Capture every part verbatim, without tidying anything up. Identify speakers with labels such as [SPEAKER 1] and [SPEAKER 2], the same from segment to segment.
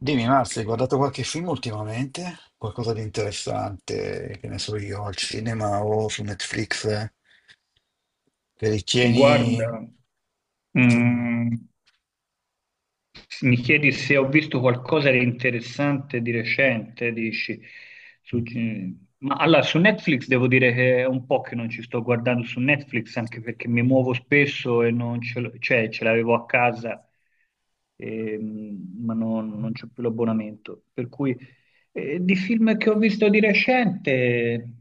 [SPEAKER 1] Dimmi, Marzia, hai guardato qualche film ultimamente? Qualcosa di interessante, che ne so io, al cinema o su Netflix, eh? che ritieni...
[SPEAKER 2] Guarda,
[SPEAKER 1] di-
[SPEAKER 2] mm, mi chiedi se ho visto qualcosa di interessante di recente, dici, su- ma allora su Netflix devo dire che è un po' che non ci sto guardando su Netflix, anche perché mi muovo spesso e non ce l'ho, cioè ce l'avevo a casa, ehm, ma non, non c'ho più l'abbonamento. Per cui eh, di film che ho visto di recente,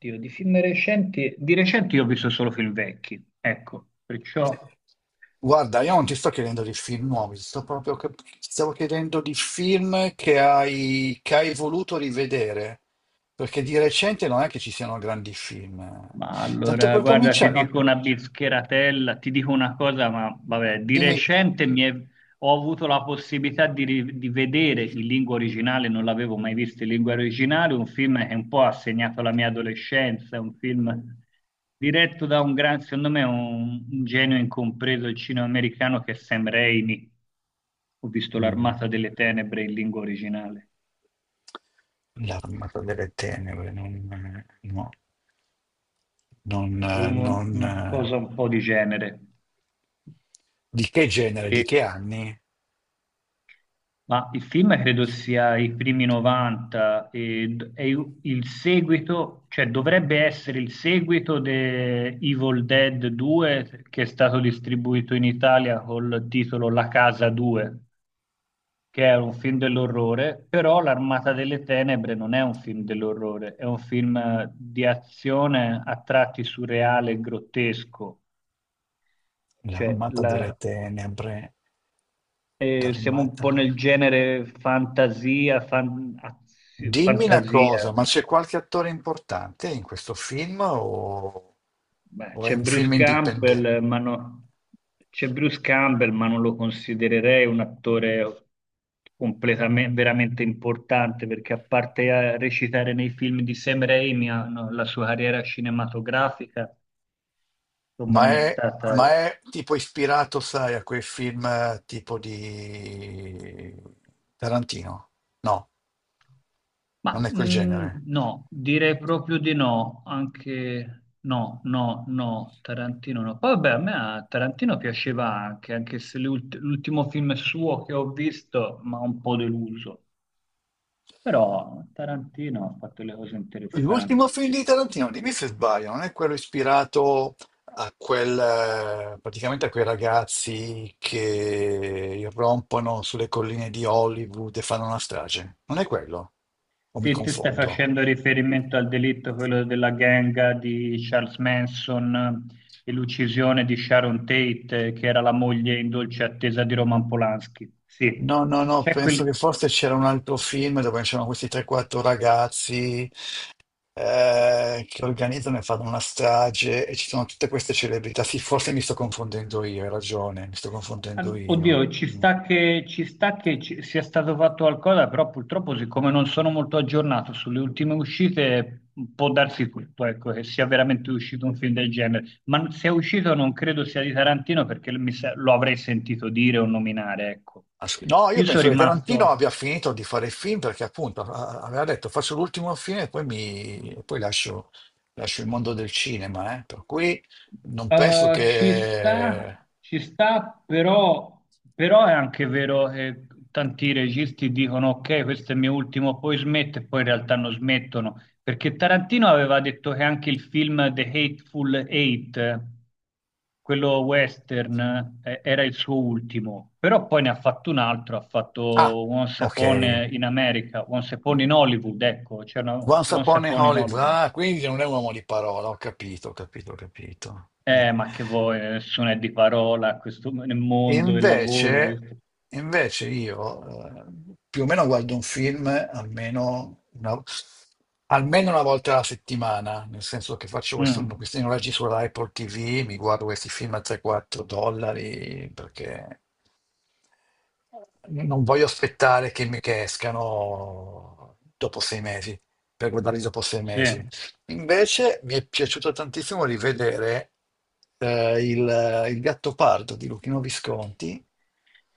[SPEAKER 2] Dio, di film recenti, di recente io ho visto solo film vecchi, ecco, perciò
[SPEAKER 1] Guarda, io non
[SPEAKER 2] eh,
[SPEAKER 1] ti sto chiedendo di film nuovi, sto proprio che- ti stavo chiedendo di film che hai... che hai voluto rivedere, perché di recente non è che ci siano grandi film.
[SPEAKER 2] ma
[SPEAKER 1] Tanto
[SPEAKER 2] allora,
[SPEAKER 1] per
[SPEAKER 2] guarda, ti
[SPEAKER 1] cominciare, no,
[SPEAKER 2] dico una bischeratella, ti dico una cosa, ma vabbè, di
[SPEAKER 1] dimmi...
[SPEAKER 2] recente mi è- ho avuto la possibilità di, ri- di vedere in lingua originale, non l'avevo mai visto in lingua originale, un film che un po' ha segnato la mia adolescenza, un film diretto da un gran, secondo me, un, un genio incompreso del cinema americano che è Sam Raimi. Ho visto
[SPEAKER 1] Mm.
[SPEAKER 2] L'Armata delle Tenebre in lingua originale,
[SPEAKER 1] L'armata delle tenebre, non... no, non...
[SPEAKER 2] è
[SPEAKER 1] eh,
[SPEAKER 2] uno-
[SPEAKER 1] non...
[SPEAKER 2] una cosa un po' di genere.
[SPEAKER 1] Di che genere, di che anni?
[SPEAKER 2] Ma il film credo sia i primi novanta e d- è il il seguito, cioè dovrebbe essere il seguito di Evil Dead due, che è stato distribuito in Italia col titolo La Casa due, che è un film dell'orrore, però L'Armata delle Tenebre non è un film dell'orrore, è un film eh, di azione a tratti surreale e grottesco. Cioè,
[SPEAKER 1] L'armata
[SPEAKER 2] la-
[SPEAKER 1] delle tenebre,
[SPEAKER 2] eh, siamo un po'
[SPEAKER 1] l'armata...
[SPEAKER 2] nel genere fantasia, fan- azio-
[SPEAKER 1] Dimmi una cosa,
[SPEAKER 2] fantasia.
[SPEAKER 1] ma c'è qualche attore importante in questo film o,
[SPEAKER 2] Beh,
[SPEAKER 1] o è
[SPEAKER 2] c'è
[SPEAKER 1] un
[SPEAKER 2] Bruce
[SPEAKER 1] film indipendente?
[SPEAKER 2] Campbell, ma no- c'è Bruce Campbell, ma non lo considererei un attore completamente, veramente importante, perché a parte a recitare nei film di Sam Raimi, ah, no, la sua carriera cinematografica, insomma,
[SPEAKER 1] Ma
[SPEAKER 2] non è
[SPEAKER 1] è,
[SPEAKER 2] stata.
[SPEAKER 1] ma è tipo ispirato, sai, a quei film eh, tipo di Tarantino? No,
[SPEAKER 2] Ma
[SPEAKER 1] non è quel genere.
[SPEAKER 2] mh, no, direi proprio di no, anche no, no, no, Tarantino no. Poi vabbè, a me a Tarantino piaceva anche, anche se le ult- l'ultimo film suo che ho visto mi ha un po' deluso, però Tarantino ha fatto le cose interessanti.
[SPEAKER 1] L'ultimo film di Tarantino, dimmi se sbaglio, non è quello ispirato a quel, eh, praticamente a quei ragazzi che irrompono sulle colline di Hollywood e fanno una strage? Non è quello? O mi
[SPEAKER 2] Sì, ti stai
[SPEAKER 1] confondo?
[SPEAKER 2] facendo riferimento al delitto, quello della gang di Charles Manson eh, e l'uccisione di Sharon Tate, eh, che era la moglie in dolce attesa di Roman Polanski. Sì,
[SPEAKER 1] No, no, no,
[SPEAKER 2] c'è
[SPEAKER 1] penso
[SPEAKER 2] quel...
[SPEAKER 1] che forse c'era un altro film dove c'erano questi tre quattro ragazzi eh, che organizzano e fanno una strage e ci sono tutte queste celebrità. Sì, forse mi sto confondendo io, hai ragione, mi sto confondendo
[SPEAKER 2] An-
[SPEAKER 1] io.
[SPEAKER 2] Oddio, ci
[SPEAKER 1] Mm.
[SPEAKER 2] sta che, ci sta che ci- sia stato fatto qualcosa, però purtroppo, siccome non sono molto aggiornato sulle ultime uscite, può darsi tutto, ecco, che sia veramente uscito un film del genere. Ma se è uscito non credo sia di Tarantino perché mi sa- lo avrei sentito dire o nominare, ecco.
[SPEAKER 1] As- No, io
[SPEAKER 2] Io sono
[SPEAKER 1] penso che Tarantino
[SPEAKER 2] rimasto.
[SPEAKER 1] abbia finito di fare il film perché appunto a- aveva detto faccio l'ultimo film e poi, mi, e poi lascio, lascio il mondo del cinema, eh. Per cui non penso
[SPEAKER 2] Eh, ci
[SPEAKER 1] che...
[SPEAKER 2] sta, ci sta, però, però è anche vero che tanti registi dicono ok, questo è il mio ultimo, poi smetto e poi in realtà non smettono, perché Tarantino aveva detto che anche il film The Hateful Eight, eh, quello western, eh, era il suo ultimo, però poi ne ha fatto un altro, ha fatto
[SPEAKER 1] Ah,
[SPEAKER 2] Once Upon
[SPEAKER 1] ok.
[SPEAKER 2] in America, Once Upon in Hollywood, ecco, c'era una-
[SPEAKER 1] Once
[SPEAKER 2] Once
[SPEAKER 1] Upon a
[SPEAKER 2] Upon in
[SPEAKER 1] Hollywood,
[SPEAKER 2] Hollywood.
[SPEAKER 1] ah, quindi non è un uomo di parola, ho capito, ho capito, ho capito. Mm.
[SPEAKER 2] Eh, ma che vuoi, nessuno è di parola a questo, nel
[SPEAKER 1] E
[SPEAKER 2] mondo del lavoro.
[SPEAKER 1] Invece,
[SPEAKER 2] e-
[SPEAKER 1] invece io eh, più o meno guardo un film almeno una, almeno una volta alla settimana, nel senso che faccio questo-
[SPEAKER 2] Mm,
[SPEAKER 1] questi noleggi sulla Apple T V, mi guardo questi film a tre quattro dollari perché non voglio aspettare che mi che escano dopo sei mesi, per guardarli dopo sei
[SPEAKER 2] sì.
[SPEAKER 1] mesi. Invece mi è piaciuto tantissimo rivedere eh, il, il Gattopardo di Luchino Visconti,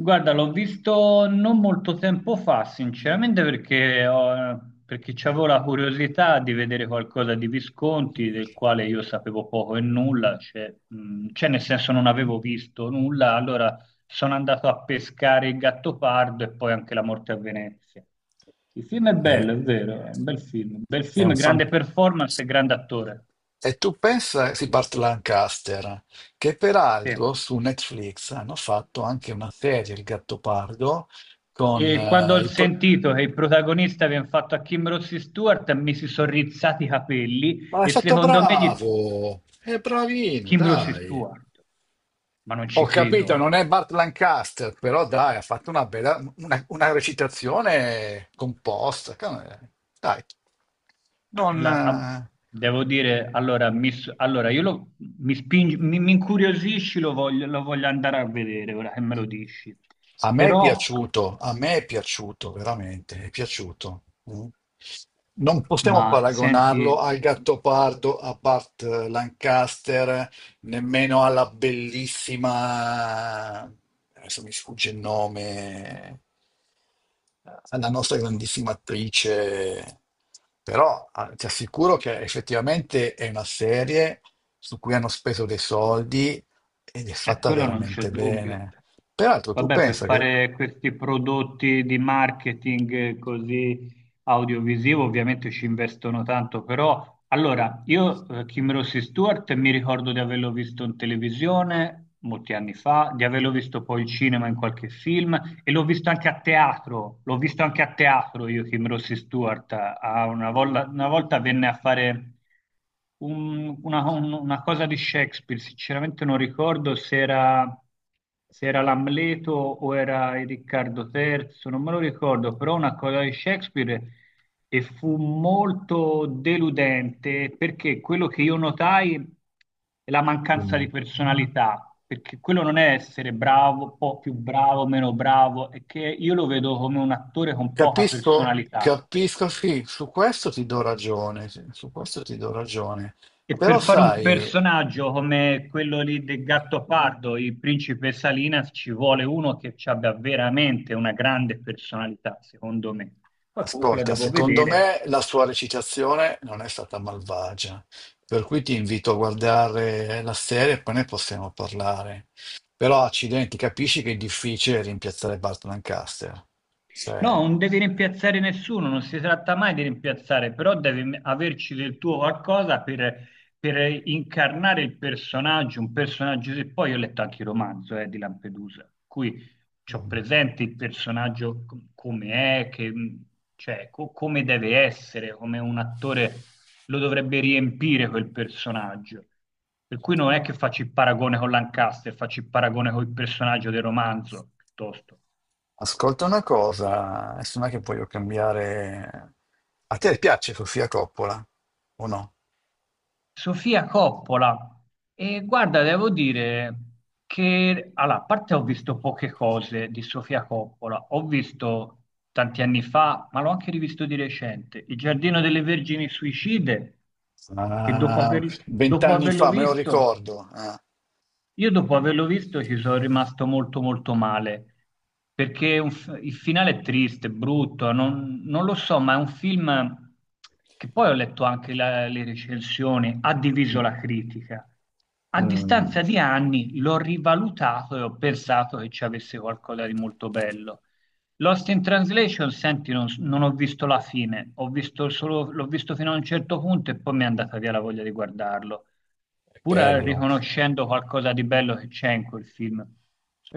[SPEAKER 2] Guarda, l'ho visto non molto tempo fa, sinceramente, perché, ho- perché avevo la curiosità di vedere qualcosa di Visconti, del quale io sapevo poco e nulla, cioè, mm, cioè, nel senso non avevo visto nulla, allora sono andato a pescare il Gattopardo e poi anche La morte a Venezia. Il film è
[SPEAKER 1] è,
[SPEAKER 2] bello, è vero, è un bel film, bel
[SPEAKER 1] è un
[SPEAKER 2] film,
[SPEAKER 1] fan-
[SPEAKER 2] grande performance e grande attore.
[SPEAKER 1] e tu pensa, sì, Burt Lancaster, che
[SPEAKER 2] Sì.
[SPEAKER 1] peraltro su Netflix hanno fatto anche una serie, il Gattopardo, con
[SPEAKER 2] E quando
[SPEAKER 1] eh,
[SPEAKER 2] ho
[SPEAKER 1] il... pro-
[SPEAKER 2] sentito che il protagonista viene fatto a Kim Rossi Stewart, mi si sono rizzati i capelli
[SPEAKER 1] Ma è
[SPEAKER 2] e
[SPEAKER 1] stato
[SPEAKER 2] secondo me gli...
[SPEAKER 1] bravo, è bravino,
[SPEAKER 2] Kim Rossi
[SPEAKER 1] dai.
[SPEAKER 2] Stewart, ma non ci
[SPEAKER 1] Ho capito,
[SPEAKER 2] credo.
[SPEAKER 1] non è Bart Lancaster, però dai, ha fatto una bella, una, una recitazione composta. ca- Dai, non,
[SPEAKER 2] La- a-
[SPEAKER 1] eh,
[SPEAKER 2] Devo dire, allora, mi, s- allora io lo, mi, spingi- mi- mi incuriosisci, lo voglio, lo voglio andare a vedere ora che me lo dici.
[SPEAKER 1] a me è
[SPEAKER 2] Però,
[SPEAKER 1] piaciuto, a me è piaciuto, veramente, è piaciuto. Mm. Non
[SPEAKER 2] ma
[SPEAKER 1] possiamo
[SPEAKER 2] senti,
[SPEAKER 1] paragonarlo al Gattopardo, a Bart Lancaster, nemmeno alla bellissima, adesso mi sfugge il nome, alla nostra grandissima attrice, però ah, ti assicuro che effettivamente è una serie su cui hanno speso dei soldi ed è
[SPEAKER 2] è
[SPEAKER 1] fatta
[SPEAKER 2] quello non c'è
[SPEAKER 1] veramente
[SPEAKER 2] dubbio.
[SPEAKER 1] bene. Peraltro, tu
[SPEAKER 2] Vabbè, per
[SPEAKER 1] pensa che,
[SPEAKER 2] fare questi prodotti di marketing eh, così audiovisivo ovviamente ci investono tanto, però allora io eh, Kim Rossi Stewart mi ricordo di averlo visto in televisione molti anni fa, di averlo visto poi in cinema in qualche film e l'ho visto anche a teatro, l'ho visto anche a teatro io, Kim Rossi Stewart, a- una, volla- una volta venne a fare un- una, un- una cosa di Shakespeare, sinceramente non ricordo se era, se era l'Amleto o era il Riccardo terzo, non me lo ricordo, però una cosa di Shakespeare e fu molto deludente perché quello che io notai è la mancanza di
[SPEAKER 1] dimmi,
[SPEAKER 2] personalità, perché quello non è essere bravo, un po' più bravo, meno bravo, è che io lo vedo come un attore con poca
[SPEAKER 1] capisco,
[SPEAKER 2] personalità.
[SPEAKER 1] capisco, sì, su questo ti do ragione, sì, su questo ti do ragione,
[SPEAKER 2] E
[SPEAKER 1] però
[SPEAKER 2] per fare un
[SPEAKER 1] sai.
[SPEAKER 2] personaggio come quello lì del Gattopardo, il principe Salinas, ci vuole uno che ci abbia veramente una grande personalità, secondo me. Poi comunque la
[SPEAKER 1] Ascolta,
[SPEAKER 2] devo
[SPEAKER 1] secondo
[SPEAKER 2] vedere.
[SPEAKER 1] me la sua recitazione non è stata malvagia, per cui ti invito a guardare la serie e poi ne possiamo parlare. Però, accidenti, capisci che è difficile rimpiazzare Bart Lancaster.
[SPEAKER 2] No,
[SPEAKER 1] Cioè,
[SPEAKER 2] non devi rimpiazzare nessuno, non si tratta mai di rimpiazzare, però devi m- averci del tuo qualcosa per, per incarnare il personaggio, un personaggio che poi io ho letto anche il romanzo eh, di Lampedusa, cui ho
[SPEAKER 1] mm,
[SPEAKER 2] presente il personaggio com- come è, che, mh, cioè, co- come deve essere, come un attore lo dovrebbe riempire quel personaggio. Per cui non è che faccio il paragone con Lancaster, faccio il paragone con il personaggio del romanzo, piuttosto.
[SPEAKER 1] ascolta una cosa, adesso non è che voglio cambiare... A te piace Sofia Coppola o no?
[SPEAKER 2] Sofia Coppola. E guarda, devo dire che, allora, a parte ho visto poche cose di Sofia Coppola, ho visto tanti anni fa, ma l'ho anche rivisto di recente, Il Giardino delle Vergini Suicide, che dopo,
[SPEAKER 1] Ah,
[SPEAKER 2] aver- dopo
[SPEAKER 1] Vent'anni
[SPEAKER 2] averlo
[SPEAKER 1] fa, me lo
[SPEAKER 2] visto
[SPEAKER 1] ricordo. Ah.
[SPEAKER 2] io dopo averlo visto ci sono rimasto molto molto male, perché è un f- il finale è triste, è brutto, non, non lo so, ma è un film che poi ho letto anche la- le recensioni, ha diviso
[SPEAKER 1] Mm,
[SPEAKER 2] la critica. A
[SPEAKER 1] mm,
[SPEAKER 2] distanza di anni l'ho rivalutato e ho pensato che ci avesse qualcosa di molto bello. Lost in Translation, senti, non, non ho visto la fine, ho visto solo- l'ho visto fino a un certo punto e poi mi è andata via la voglia di guardarlo pur
[SPEAKER 1] è bello.
[SPEAKER 2] riconoscendo qualcosa di bello che c'è in quel film.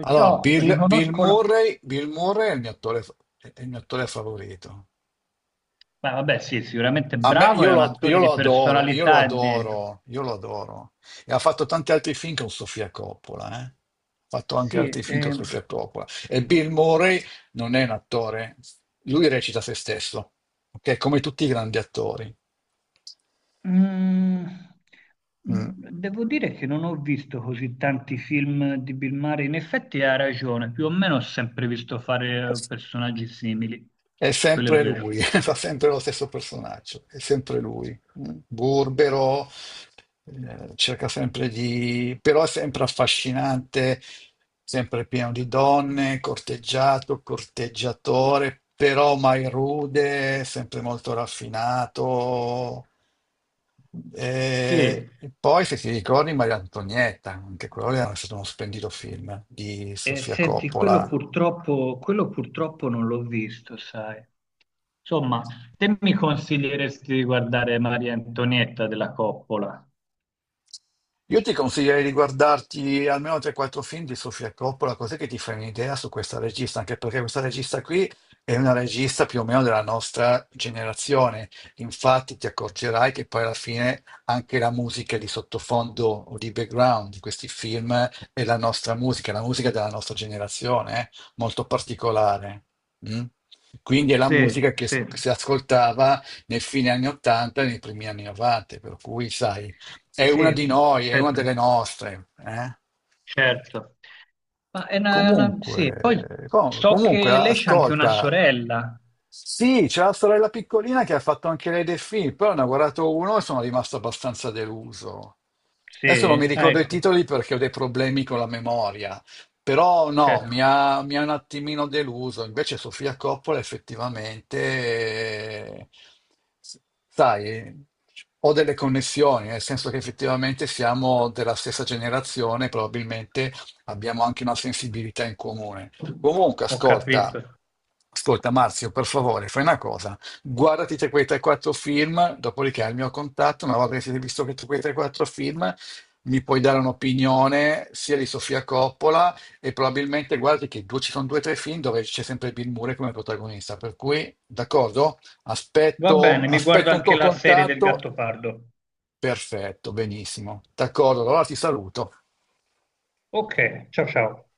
[SPEAKER 1] Allora, Bill, Bill
[SPEAKER 2] riconosco la...
[SPEAKER 1] Murray, Bill Murray è il mio attore, è il mio attore favorito.
[SPEAKER 2] Beh, vabbè, sì, sicuramente
[SPEAKER 1] A me,
[SPEAKER 2] bravo,
[SPEAKER 1] io
[SPEAKER 2] è un
[SPEAKER 1] lo, io
[SPEAKER 2] attore di
[SPEAKER 1] lo adoro, io lo
[SPEAKER 2] personalità e di...
[SPEAKER 1] adoro, io lo adoro. E ha fatto tanti altri film con Sofia Coppola, eh. Ha fatto anche altri
[SPEAKER 2] Sì,
[SPEAKER 1] film con
[SPEAKER 2] eh,
[SPEAKER 1] Sofia Coppola. E Bill Murray non è un attore, lui recita se stesso, ok? Come tutti i grandi attori.
[SPEAKER 2] mm,
[SPEAKER 1] Mm.
[SPEAKER 2] mm, devo dire che non ho visto così tanti film di Bill Murray, in effetti ha ragione, più o meno ho sempre visto fare eh, personaggi simili,
[SPEAKER 1] È
[SPEAKER 2] quello è
[SPEAKER 1] sempre
[SPEAKER 2] vero.
[SPEAKER 1] lui, fa sempre lo stesso personaggio, è sempre lui, mm. burbero, eh, cerca sempre di... però è sempre affascinante, sempre pieno di donne, corteggiato, corteggiatore, però mai rude, sempre molto raffinato.
[SPEAKER 2] Sì,
[SPEAKER 1] E e poi, se ti ricordi, Maria Antonietta, anche quello era stato uno splendido film di
[SPEAKER 2] eh,
[SPEAKER 1] Sofia
[SPEAKER 2] senti, quello
[SPEAKER 1] Coppola.
[SPEAKER 2] purtroppo, quello purtroppo non l'ho visto, sai. Insomma, te mi consiglieresti di guardare Maria Antonietta della Coppola?
[SPEAKER 1] Io ti consiglierei di guardarti almeno tre o quattro film di Sofia Coppola, così che ti fai un'idea su questa regista, anche perché questa regista qui è una regista più o meno della nostra generazione. Infatti ti accorgerai che poi alla fine anche la musica di sottofondo o di background di questi film è la nostra musica, la musica della nostra generazione, eh, molto particolare. Mm? Quindi è la musica
[SPEAKER 2] Sì,
[SPEAKER 1] che si,
[SPEAKER 2] sì,
[SPEAKER 1] si ascoltava nei fine anni ottanta e nei primi anni novanta, per cui sai. È una
[SPEAKER 2] sì,
[SPEAKER 1] di noi, è una
[SPEAKER 2] certo.
[SPEAKER 1] delle
[SPEAKER 2] che-
[SPEAKER 1] nostre. Eh?
[SPEAKER 2] Certo. Ma è una, è una- Sì, poi
[SPEAKER 1] Comunque, com-
[SPEAKER 2] so
[SPEAKER 1] comunque,
[SPEAKER 2] che lei c'ha anche una
[SPEAKER 1] ascolta,
[SPEAKER 2] sorella.
[SPEAKER 1] sì, c'è la sorella piccolina che ha fatto anche lei dei film, però ne ho guardato uno e sono rimasto abbastanza deluso. Adesso non mi
[SPEAKER 2] Sì, ah,
[SPEAKER 1] ricordo i
[SPEAKER 2] ecco,
[SPEAKER 1] titoli perché ho dei problemi con la memoria, però no,
[SPEAKER 2] certo,
[SPEAKER 1] mi ha, mi ha un attimino deluso. Invece Sofia Coppola effettivamente, eh, sai, ho delle connessioni, nel senso che effettivamente siamo della stessa generazione, probabilmente abbiamo anche una sensibilità in comune. Comunque,
[SPEAKER 2] ho
[SPEAKER 1] ascolta,
[SPEAKER 2] capito.
[SPEAKER 1] ascolta Marzio, per favore, fai una cosa, guardati te quei tre o quattro film, dopodiché hai il mio contatto, una volta che siete visto che tu quei tre o quattro film, mi puoi dare un'opinione sia di Sofia Coppola e probabilmente guardi che due, ci sono due o tre film dove c'è sempre Bill Murray come protagonista, per cui, d'accordo?
[SPEAKER 2] Va
[SPEAKER 1] Aspetto,
[SPEAKER 2] bene, mi guardo
[SPEAKER 1] aspetto un
[SPEAKER 2] anche
[SPEAKER 1] tuo
[SPEAKER 2] la serie del
[SPEAKER 1] contatto.
[SPEAKER 2] Gattopardo.
[SPEAKER 1] Perfetto, benissimo. D'accordo, allora ti saluto.
[SPEAKER 2] Ok, ciao ciao.